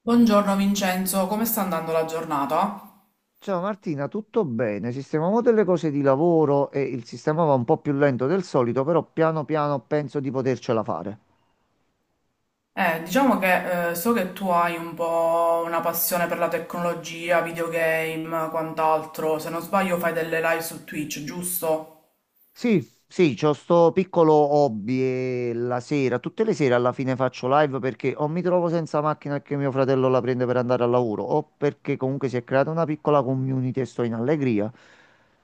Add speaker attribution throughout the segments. Speaker 1: Buongiorno Vincenzo, come sta andando la giornata?
Speaker 2: Ciao Martina, tutto bene? Sistemavo delle cose di lavoro e il sistema va un po' più lento del solito, però piano piano penso di potercela fare.
Speaker 1: Diciamo che so che tu hai un po' una passione per la tecnologia, videogame, quant'altro. Se non sbaglio fai delle live su Twitch, giusto?
Speaker 2: Sì, sì, c'ho sto piccolo hobby e la sera, tutte le sere alla fine faccio live perché o mi trovo senza macchina e che mio fratello la prende per andare al lavoro, o perché comunque si è creata una piccola community e sto in allegria,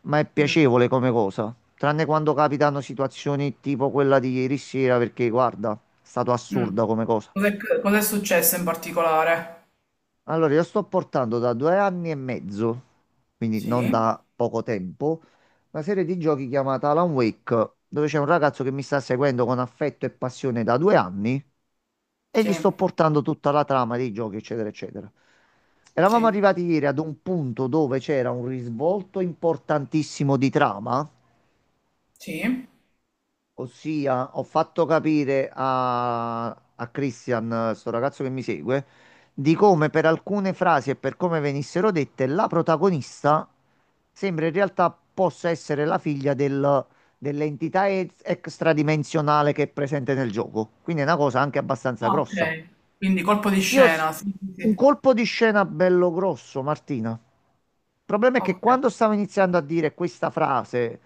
Speaker 2: ma è
Speaker 1: Mm,
Speaker 2: piacevole come cosa, tranne quando capitano situazioni tipo quella di ieri sera perché guarda, è stato
Speaker 1: mm.
Speaker 2: assurda come cosa.
Speaker 1: Cos'è successo in particolare?
Speaker 2: Allora, io sto portando da 2 anni e mezzo, quindi non
Speaker 1: Sì,
Speaker 2: da poco tempo, una serie di giochi chiamata Alan Wake, dove c'è un ragazzo che mi sta seguendo con affetto e passione da 2 anni e
Speaker 1: sì,
Speaker 2: gli sto portando tutta la trama dei giochi, eccetera, eccetera. Eravamo
Speaker 1: sì,
Speaker 2: arrivati ieri ad un punto dove c'era un risvolto importantissimo di trama.
Speaker 1: sì.
Speaker 2: Ossia, ho fatto capire a Christian, sto ragazzo che mi segue, di come per alcune frasi e per come venissero dette, la protagonista sembra in realtà possa essere la figlia dell'entità extradimensionale che è presente nel gioco. Quindi è una cosa anche abbastanza
Speaker 1: Ah, ok.
Speaker 2: grossa.
Speaker 1: Quindi colpo di
Speaker 2: Io s-
Speaker 1: scena, sì, sì,
Speaker 2: un
Speaker 1: sì.
Speaker 2: colpo di scena bello grosso, Martina. Il problema è che
Speaker 1: Ok,
Speaker 2: quando stavo iniziando a dire questa frase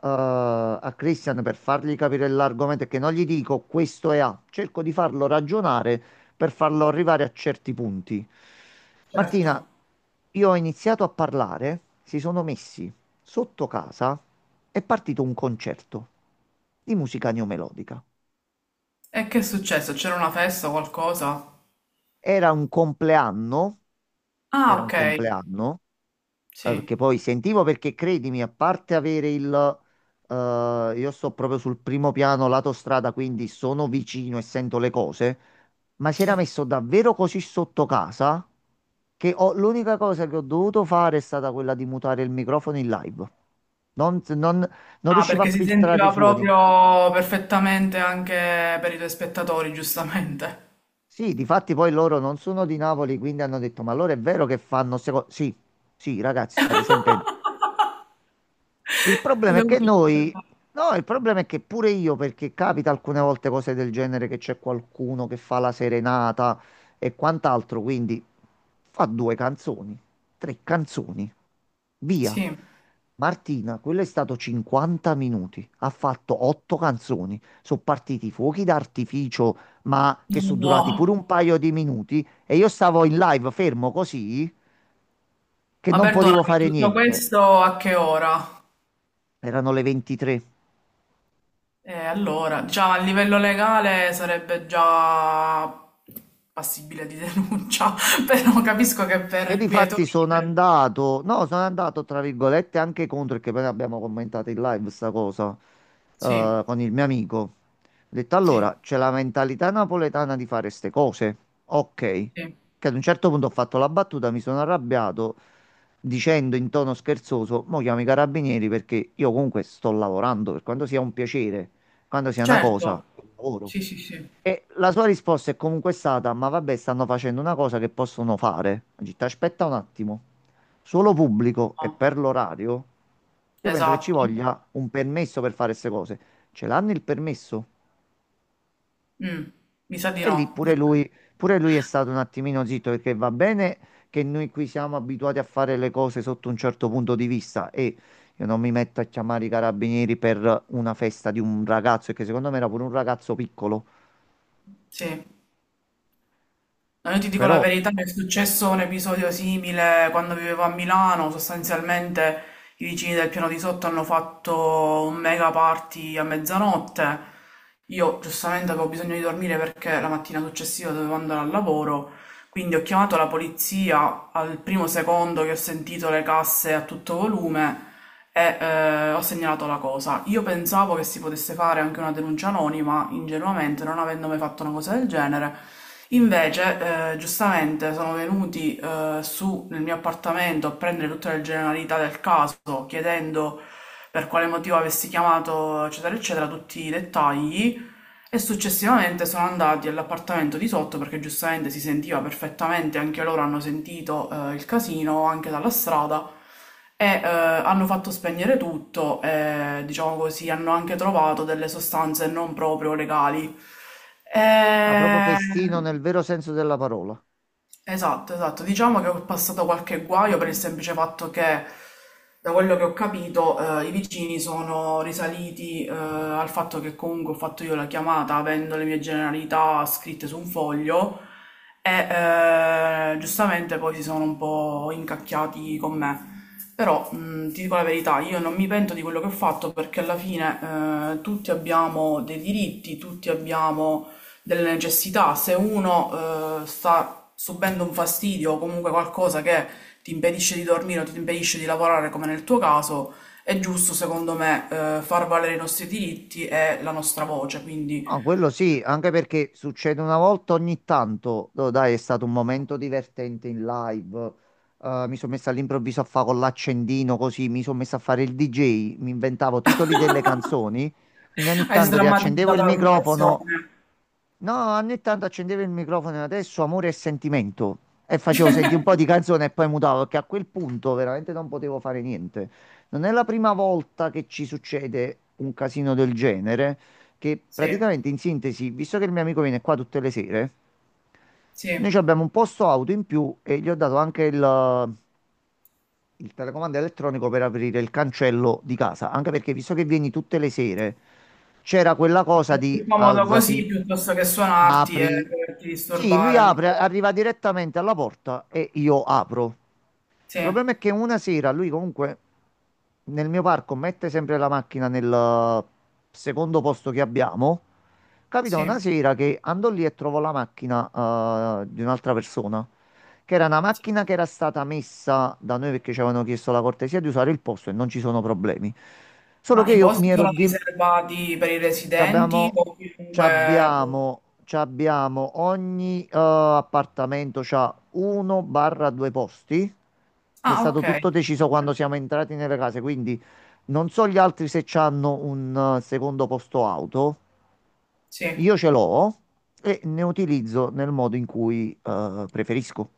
Speaker 2: a Christian per fargli capire l'argomento, è che non gli dico questo è A, cerco di farlo ragionare per farlo arrivare a certi punti. Martina,
Speaker 1: certo.
Speaker 2: io ho iniziato a parlare, si sono messi sotto casa, è partito un concerto di musica neomelodica.
Speaker 1: E che è successo? C'era una festa o qualcosa?
Speaker 2: Era un compleanno, era
Speaker 1: Ah,
Speaker 2: un
Speaker 1: ok,
Speaker 2: compleanno
Speaker 1: sì,
Speaker 2: che poi sentivo perché credimi, a parte avere il... io sto proprio sul primo piano lato strada, quindi sono vicino e sento le cose, ma si era
Speaker 1: sì.
Speaker 2: messo davvero così sotto casa che l'unica cosa che ho dovuto fare è stata quella di mutare il microfono in live. Non, non, non
Speaker 1: Ah,
Speaker 2: riuscivo a
Speaker 1: perché si
Speaker 2: filtrare i
Speaker 1: sentiva
Speaker 2: suoni.
Speaker 1: proprio perfettamente anche per i tuoi spettatori, giustamente.
Speaker 2: Sì, difatti poi loro non sono di Napoli, quindi hanno detto, "Ma allora è vero che fanno... Sì, sì, ragazzi, state sentendo. Il
Speaker 1: È
Speaker 2: problema è che
Speaker 1: dovuto
Speaker 2: noi,
Speaker 1: confermare.
Speaker 2: no, il problema è che pure io, perché capita alcune volte cose del genere che c'è qualcuno che fa la serenata e quant'altro, quindi fa due canzoni, tre canzoni, via.
Speaker 1: Sì, no,
Speaker 2: Martina, quello è stato 50 minuti, ha fatto otto canzoni, sono partiti fuochi d'artificio, ma che sono durati pure
Speaker 1: no.
Speaker 2: un paio di minuti e io stavo in live fermo così che
Speaker 1: Ma
Speaker 2: non potevo
Speaker 1: perdonami,
Speaker 2: fare
Speaker 1: tutto
Speaker 2: niente.
Speaker 1: questo a che ora?
Speaker 2: Erano le 23.
Speaker 1: Allora, già a livello legale sarebbe già passibile di denuncia, però capisco che
Speaker 2: E
Speaker 1: per qui è
Speaker 2: difatti
Speaker 1: Torino.
Speaker 2: sono andato, no, sono andato tra virgolette anche contro, perché poi abbiamo commentato in live sta cosa
Speaker 1: Sì,
Speaker 2: con il mio amico. Ho detto,
Speaker 1: sì,
Speaker 2: "Allora, c'è la mentalità napoletana di fare ste cose. Ok",
Speaker 1: sì.
Speaker 2: che ad un certo punto ho fatto la battuta, mi sono arrabbiato dicendo in tono scherzoso, "Mo chiamo i carabinieri perché io comunque sto lavorando, per quanto sia un piacere, quando sia una cosa,
Speaker 1: Certo.
Speaker 2: è un lavoro."
Speaker 1: Sì, sì, sì.
Speaker 2: E la sua risposta è comunque stata: "Ma vabbè, stanno facendo una cosa che possono fare." Ho detto, "Aspetta un attimo. Solo pubblico e
Speaker 1: No,
Speaker 2: per l'orario? Io penso che ci
Speaker 1: esatto.
Speaker 2: voglia un permesso per fare queste cose. Ce l'hanno il permesso?"
Speaker 1: Mm, mi sa di
Speaker 2: E lì
Speaker 1: no.
Speaker 2: pure lui è stato un attimino zitto perché va bene che noi qui siamo abituati a fare le cose sotto un certo punto di vista e io non mi metto a chiamare i carabinieri per una festa di un ragazzo, che secondo me era pure un ragazzo piccolo,
Speaker 1: Sì. No, io ti dico la
Speaker 2: però
Speaker 1: verità, mi è successo un episodio simile quando vivevo a Milano, sostanzialmente i vicini del piano di sotto hanno fatto un mega party a mezzanotte. Io giustamente avevo bisogno di dormire perché la mattina successiva dovevo andare al lavoro. Quindi ho chiamato la polizia al primo secondo che ho sentito le casse a tutto volume e ho segnalato la cosa. Io pensavo che si potesse fare anche una denuncia anonima, ingenuamente, non avendo mai fatto una cosa del genere. Invece, giustamente, sono venuti su nel mio appartamento a prendere tutte le generalità del caso, chiedendo per quale motivo avessi chiamato, eccetera, eccetera, tutti i dettagli. E successivamente sono andati all'appartamento di sotto perché giustamente si sentiva perfettamente, anche loro hanno sentito il casino anche dalla strada e hanno fatto spegnere tutto e diciamo così hanno anche trovato delle sostanze non proprio legali.
Speaker 2: ah, proprio
Speaker 1: E...
Speaker 2: festino nel vero senso della parola.
Speaker 1: Esatto, esatto. Diciamo che ho passato qualche guaio per il semplice fatto che, da quello che ho capito, i vicini sono risaliti, al fatto che comunque ho fatto io la chiamata avendo le mie generalità scritte su un foglio e giustamente poi si sono un po' incacchiati con me. Però, ti dico la verità, io non mi pento di quello che ho fatto perché alla fine, tutti abbiamo dei diritti, tutti abbiamo delle necessità. Se uno sta subendo un fastidio o comunque qualcosa che ti impedisce di dormire o ti impedisce di lavorare, come nel tuo caso, è giusto, secondo me, far valere i nostri diritti e la nostra voce. Quindi
Speaker 2: Ah, quello sì, anche perché succede una volta ogni tanto. Oh, dai, è stato un momento divertente in live. Mi sono messo all'improvviso a fare con l'accendino così, mi sono messo a fare il DJ, mi inventavo titoli delle canzoni. Quindi ogni
Speaker 1: hai
Speaker 2: tanto riaccendevo il
Speaker 1: sdrammatizzato la
Speaker 2: microfono,
Speaker 1: situazione.
Speaker 2: no, anni 80, accendevo il microfono e adesso amore e sentimento, e facevo sentire un po' di canzone e poi mutavo perché a quel punto veramente non potevo fare niente. Non è la prima volta che ci succede un casino del genere, che
Speaker 1: Sì,
Speaker 2: praticamente in sintesi, visto che il mio amico viene qua tutte le sere, noi
Speaker 1: sì.
Speaker 2: ci abbiamo un posto auto in più e gli ho dato anche il telecomando elettronico per aprire il cancello di casa, anche perché visto che vieni tutte le sere, c'era quella cosa
Speaker 1: È
Speaker 2: di
Speaker 1: più comodo
Speaker 2: alzati,
Speaker 1: così piuttosto che suonarti e
Speaker 2: apri.
Speaker 1: doverti
Speaker 2: Sì, lui
Speaker 1: disturbare.
Speaker 2: apre, arriva direttamente alla porta e io apro. Il
Speaker 1: Sì,
Speaker 2: problema è che una sera lui comunque nel mio parco mette sempre la macchina nel secondo posto che abbiamo. Capita una
Speaker 1: sì.
Speaker 2: sera che andò lì e trovo la macchina di un'altra persona, che era una
Speaker 1: Sì.
Speaker 2: macchina che era stata messa da noi perché ci avevano chiesto la cortesia di usare il posto e non ci sono problemi. Solo
Speaker 1: Ma
Speaker 2: che
Speaker 1: i
Speaker 2: io
Speaker 1: posti
Speaker 2: mi ero
Speaker 1: sono riservati per i residenti
Speaker 2: c'abbiamo,
Speaker 1: o chiunque...
Speaker 2: c'abbiamo ogni appartamento c'ha uno barra due posti. Ed è
Speaker 1: Ah,
Speaker 2: stato
Speaker 1: ok. Ok.
Speaker 2: tutto deciso quando siamo entrati nelle case, quindi non so gli altri se c'hanno un secondo posto auto.
Speaker 1: Sì.
Speaker 2: Io ce l'ho e ne utilizzo nel modo in cui preferisco.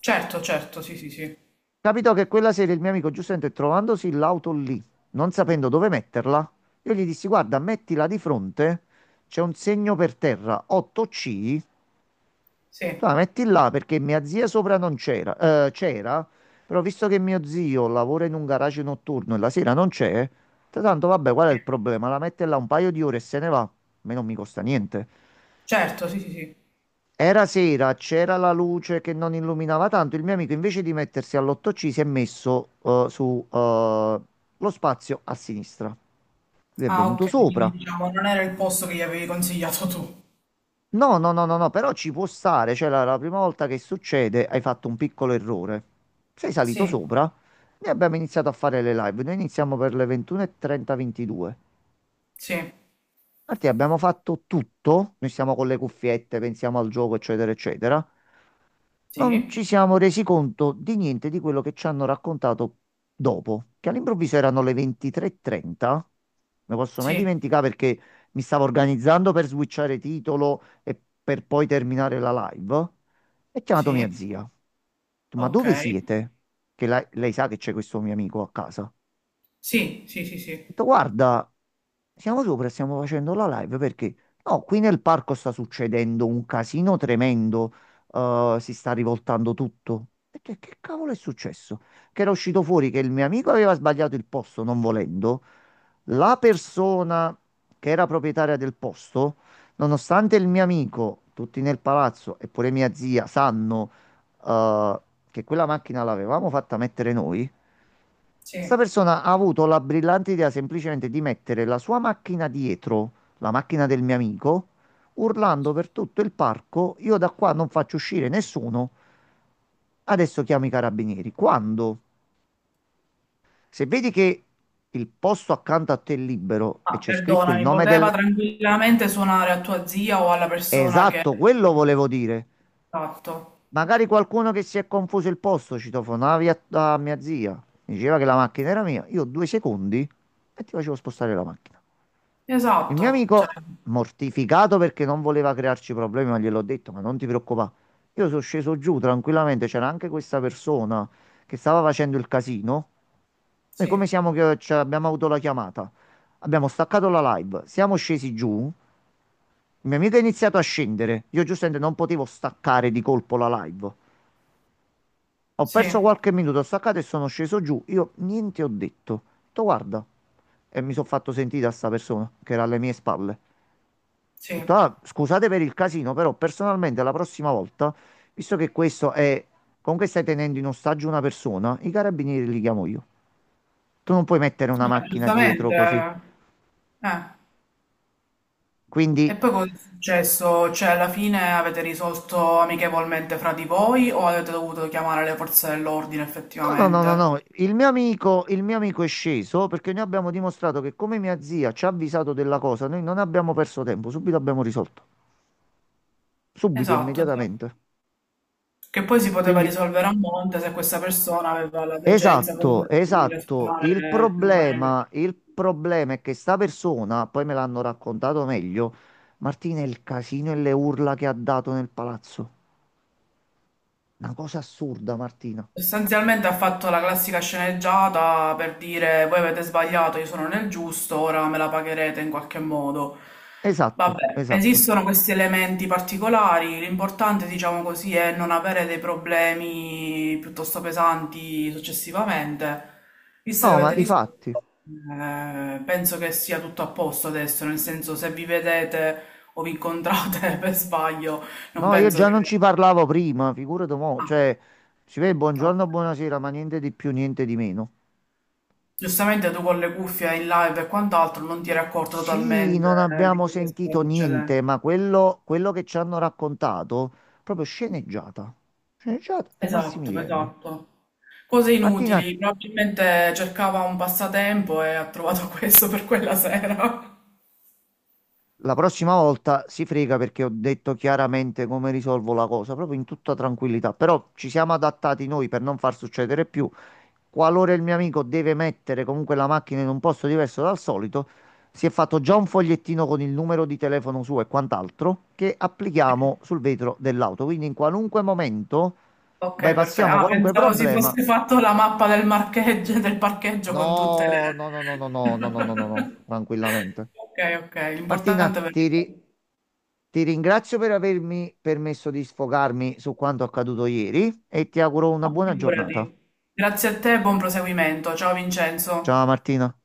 Speaker 1: Certo, certo, sì, sì, sì.
Speaker 2: Capitò che quella sera il mio amico Giuseppe, trovandosi l'auto lì, non sapendo dove metterla, io gli dissi, "Guarda, mettila di fronte, c'è un segno per terra 8C,
Speaker 1: Sì.
Speaker 2: tu la metti là perché mia zia sopra non c'era, c'era, però visto che mio zio lavora in un garage notturno e la sera non c'è, tanto vabbè, qual è il problema? La mette là un paio di ore e se ne va, a me non mi costa niente."
Speaker 1: Certo, sì, sì, sì.
Speaker 2: Era sera, c'era la luce che non illuminava tanto. Il mio amico, invece di mettersi all'8C, si è messo su lo spazio a sinistra. Lui è
Speaker 1: Ah,
Speaker 2: venuto
Speaker 1: ok, quindi
Speaker 2: sopra.
Speaker 1: diciamo non era il posto che gli avevi consigliato tu.
Speaker 2: No, no, no, no, no, però ci può stare. Cioè, la prima volta che succede, hai fatto un piccolo errore. Sei salito
Speaker 1: Sì,
Speaker 2: sopra. Noi abbiamo iniziato a fare le live. Noi iniziamo per le 21:30, 22.
Speaker 1: sì,
Speaker 2: Infatti abbiamo fatto tutto. Noi siamo con le cuffiette, pensiamo al gioco, eccetera, eccetera. Non
Speaker 1: sì,
Speaker 2: ci siamo resi conto di niente di quello che ci hanno raccontato dopo, che all'improvviso erano le 23:30. Non me posso mai
Speaker 1: sì,
Speaker 2: dimenticare perché mi stavo organizzando per switchare titolo e per poi terminare la live. E chiamato mia
Speaker 1: sì,
Speaker 2: zia. Ho detto, "Ma
Speaker 1: ok.
Speaker 2: dove siete?" Che lei sa che c'è questo mio amico a casa.
Speaker 1: Sì, sì, sì, sì,
Speaker 2: Ho detto, "Guarda, siamo sopra e stiamo facendo la live perché no, qui nel parco sta succedendo un casino tremendo, si sta rivoltando tutto." Ho detto, "E che cavolo è successo?" Che era uscito fuori che il mio amico aveva sbagliato il posto non volendo. La persona che era proprietaria del posto, nonostante il mio amico, tutti nel palazzo e pure mia zia sanno, eh, che quella macchina l'avevamo fatta mettere noi. Questa
Speaker 1: sì.
Speaker 2: persona ha avuto la brillante idea semplicemente di mettere la sua macchina dietro, la macchina del mio amico, urlando per tutto il parco, "Io da qua non faccio uscire nessuno, adesso chiamo i carabinieri." Quando, se vedi che il posto accanto a te è libero e
Speaker 1: Ah,
Speaker 2: c'è scritto il
Speaker 1: perdonami,
Speaker 2: nome
Speaker 1: poteva
Speaker 2: del...
Speaker 1: tranquillamente suonare a tua zia o alla persona che...
Speaker 2: Esatto, quello volevo dire.
Speaker 1: Esatto,
Speaker 2: Magari qualcuno che si è confuso il posto, citofonavi a mia zia, diceva che la macchina era mia, io 2 secondi e ti facevo spostare la macchina. Il mio
Speaker 1: esatto,
Speaker 2: amico,
Speaker 1: cioè,
Speaker 2: mortificato perché non voleva crearci problemi, ma gliel'ho detto, "Ma non ti preoccupare." Io sono sceso giù tranquillamente, c'era anche questa persona che stava facendo il casino. Noi come
Speaker 1: sì,
Speaker 2: siamo che ci abbiamo avuto la chiamata? Abbiamo staccato la live, siamo scesi giù. Il mio amico ha iniziato a scendere. Io giustamente non potevo staccare di colpo la live. Ho perso
Speaker 1: sì,
Speaker 2: qualche minuto, ho staccato e sono sceso giù. Io niente ho detto. Ho detto, "Guarda." E mi sono fatto sentire a sta persona che era alle mie spalle. Ho
Speaker 1: sì.
Speaker 2: detto, "Ah, scusate per il casino, però personalmente la prossima volta, visto che questo è, comunque stai tenendo in ostaggio una persona, i carabinieri li chiamo io. Tu non puoi mettere una
Speaker 1: No,
Speaker 2: macchina dietro
Speaker 1: giustamente,
Speaker 2: così."
Speaker 1: eh. Eh. E
Speaker 2: Quindi,
Speaker 1: poi cosa è successo? Cioè, alla fine avete risolto amichevolmente fra di voi o avete dovuto chiamare le forze dell'ordine
Speaker 2: no, no, no, no,
Speaker 1: effettivamente?
Speaker 2: no. Il mio amico è sceso perché noi abbiamo dimostrato che come mia zia ci ha avvisato della cosa, noi non abbiamo perso tempo, subito abbiamo risolto. Subito,
Speaker 1: Esatto, esatto.
Speaker 2: immediatamente.
Speaker 1: Che poi si poteva
Speaker 2: Quindi
Speaker 1: risolvere a monte se questa persona aveva la decenza
Speaker 2: esatto,
Speaker 1: comunque di
Speaker 2: esatto. Il
Speaker 1: razionare il campanello.
Speaker 2: problema, il problema è che sta persona, poi me l'hanno raccontato meglio, Martina, il casino e le urla che ha dato nel palazzo. Una cosa assurda, Martina.
Speaker 1: Sostanzialmente ha fatto la classica sceneggiata per dire voi avete sbagliato, io sono nel giusto, ora me la pagherete in qualche modo.
Speaker 2: Esatto,
Speaker 1: Vabbè,
Speaker 2: esatto.
Speaker 1: esistono questi elementi particolari, l'importante, diciamo così, è non avere dei problemi piuttosto pesanti successivamente. Visto che
Speaker 2: No, ma
Speaker 1: avete
Speaker 2: di fatti,
Speaker 1: risolto, penso che sia tutto a posto adesso, nel senso se vi vedete o vi incontrate per sbaglio, non
Speaker 2: no, io
Speaker 1: penso
Speaker 2: già
Speaker 1: che...
Speaker 2: non ci parlavo prima, figurati mo',
Speaker 1: Ah,
Speaker 2: cioè, si vede
Speaker 1: ok.
Speaker 2: buongiorno, buonasera, ma niente di più, niente di meno.
Speaker 1: Giustamente tu con le cuffie in live e quant'altro non ti eri accorto
Speaker 2: Sì,
Speaker 1: totalmente
Speaker 2: non
Speaker 1: di
Speaker 2: abbiamo
Speaker 1: quello che stava
Speaker 2: sentito
Speaker 1: succedendo.
Speaker 2: niente, ma quello che ci hanno raccontato, proprio sceneggiata. Sceneggiata ai massimi
Speaker 1: Esatto,
Speaker 2: livelli.
Speaker 1: esatto. Cose
Speaker 2: Martina,
Speaker 1: inutili, probabilmente cercava un passatempo e ha trovato questo per quella sera.
Speaker 2: la prossima volta si frega perché ho detto chiaramente come risolvo la cosa, proprio in tutta tranquillità. Però ci siamo adattati noi per non far succedere più. Qualora il mio amico deve mettere comunque la macchina in un posto diverso dal solito, si è fatto già un fogliettino con il numero di telefono suo e quant'altro che applichiamo sul vetro dell'auto. Quindi in qualunque momento
Speaker 1: Ok, perfetto.
Speaker 2: bypassiamo
Speaker 1: Ah,
Speaker 2: qualunque
Speaker 1: pensavo si
Speaker 2: problema.
Speaker 1: fosse fatto la mappa del marcheggio, del parcheggio con tutte
Speaker 2: No, no, no, no, no,
Speaker 1: le...
Speaker 2: no, no, no, no, no, no, tranquillamente.
Speaker 1: Ok, ok,
Speaker 2: Martina,
Speaker 1: l'importante è per il...
Speaker 2: ti ringrazio per avermi permesso di sfogarmi su quanto accaduto ieri e ti auguro una
Speaker 1: Ah,
Speaker 2: buona giornata.
Speaker 1: figurati. Grazie a te e buon proseguimento. Ciao
Speaker 2: Ciao
Speaker 1: Vincenzo.
Speaker 2: Martina.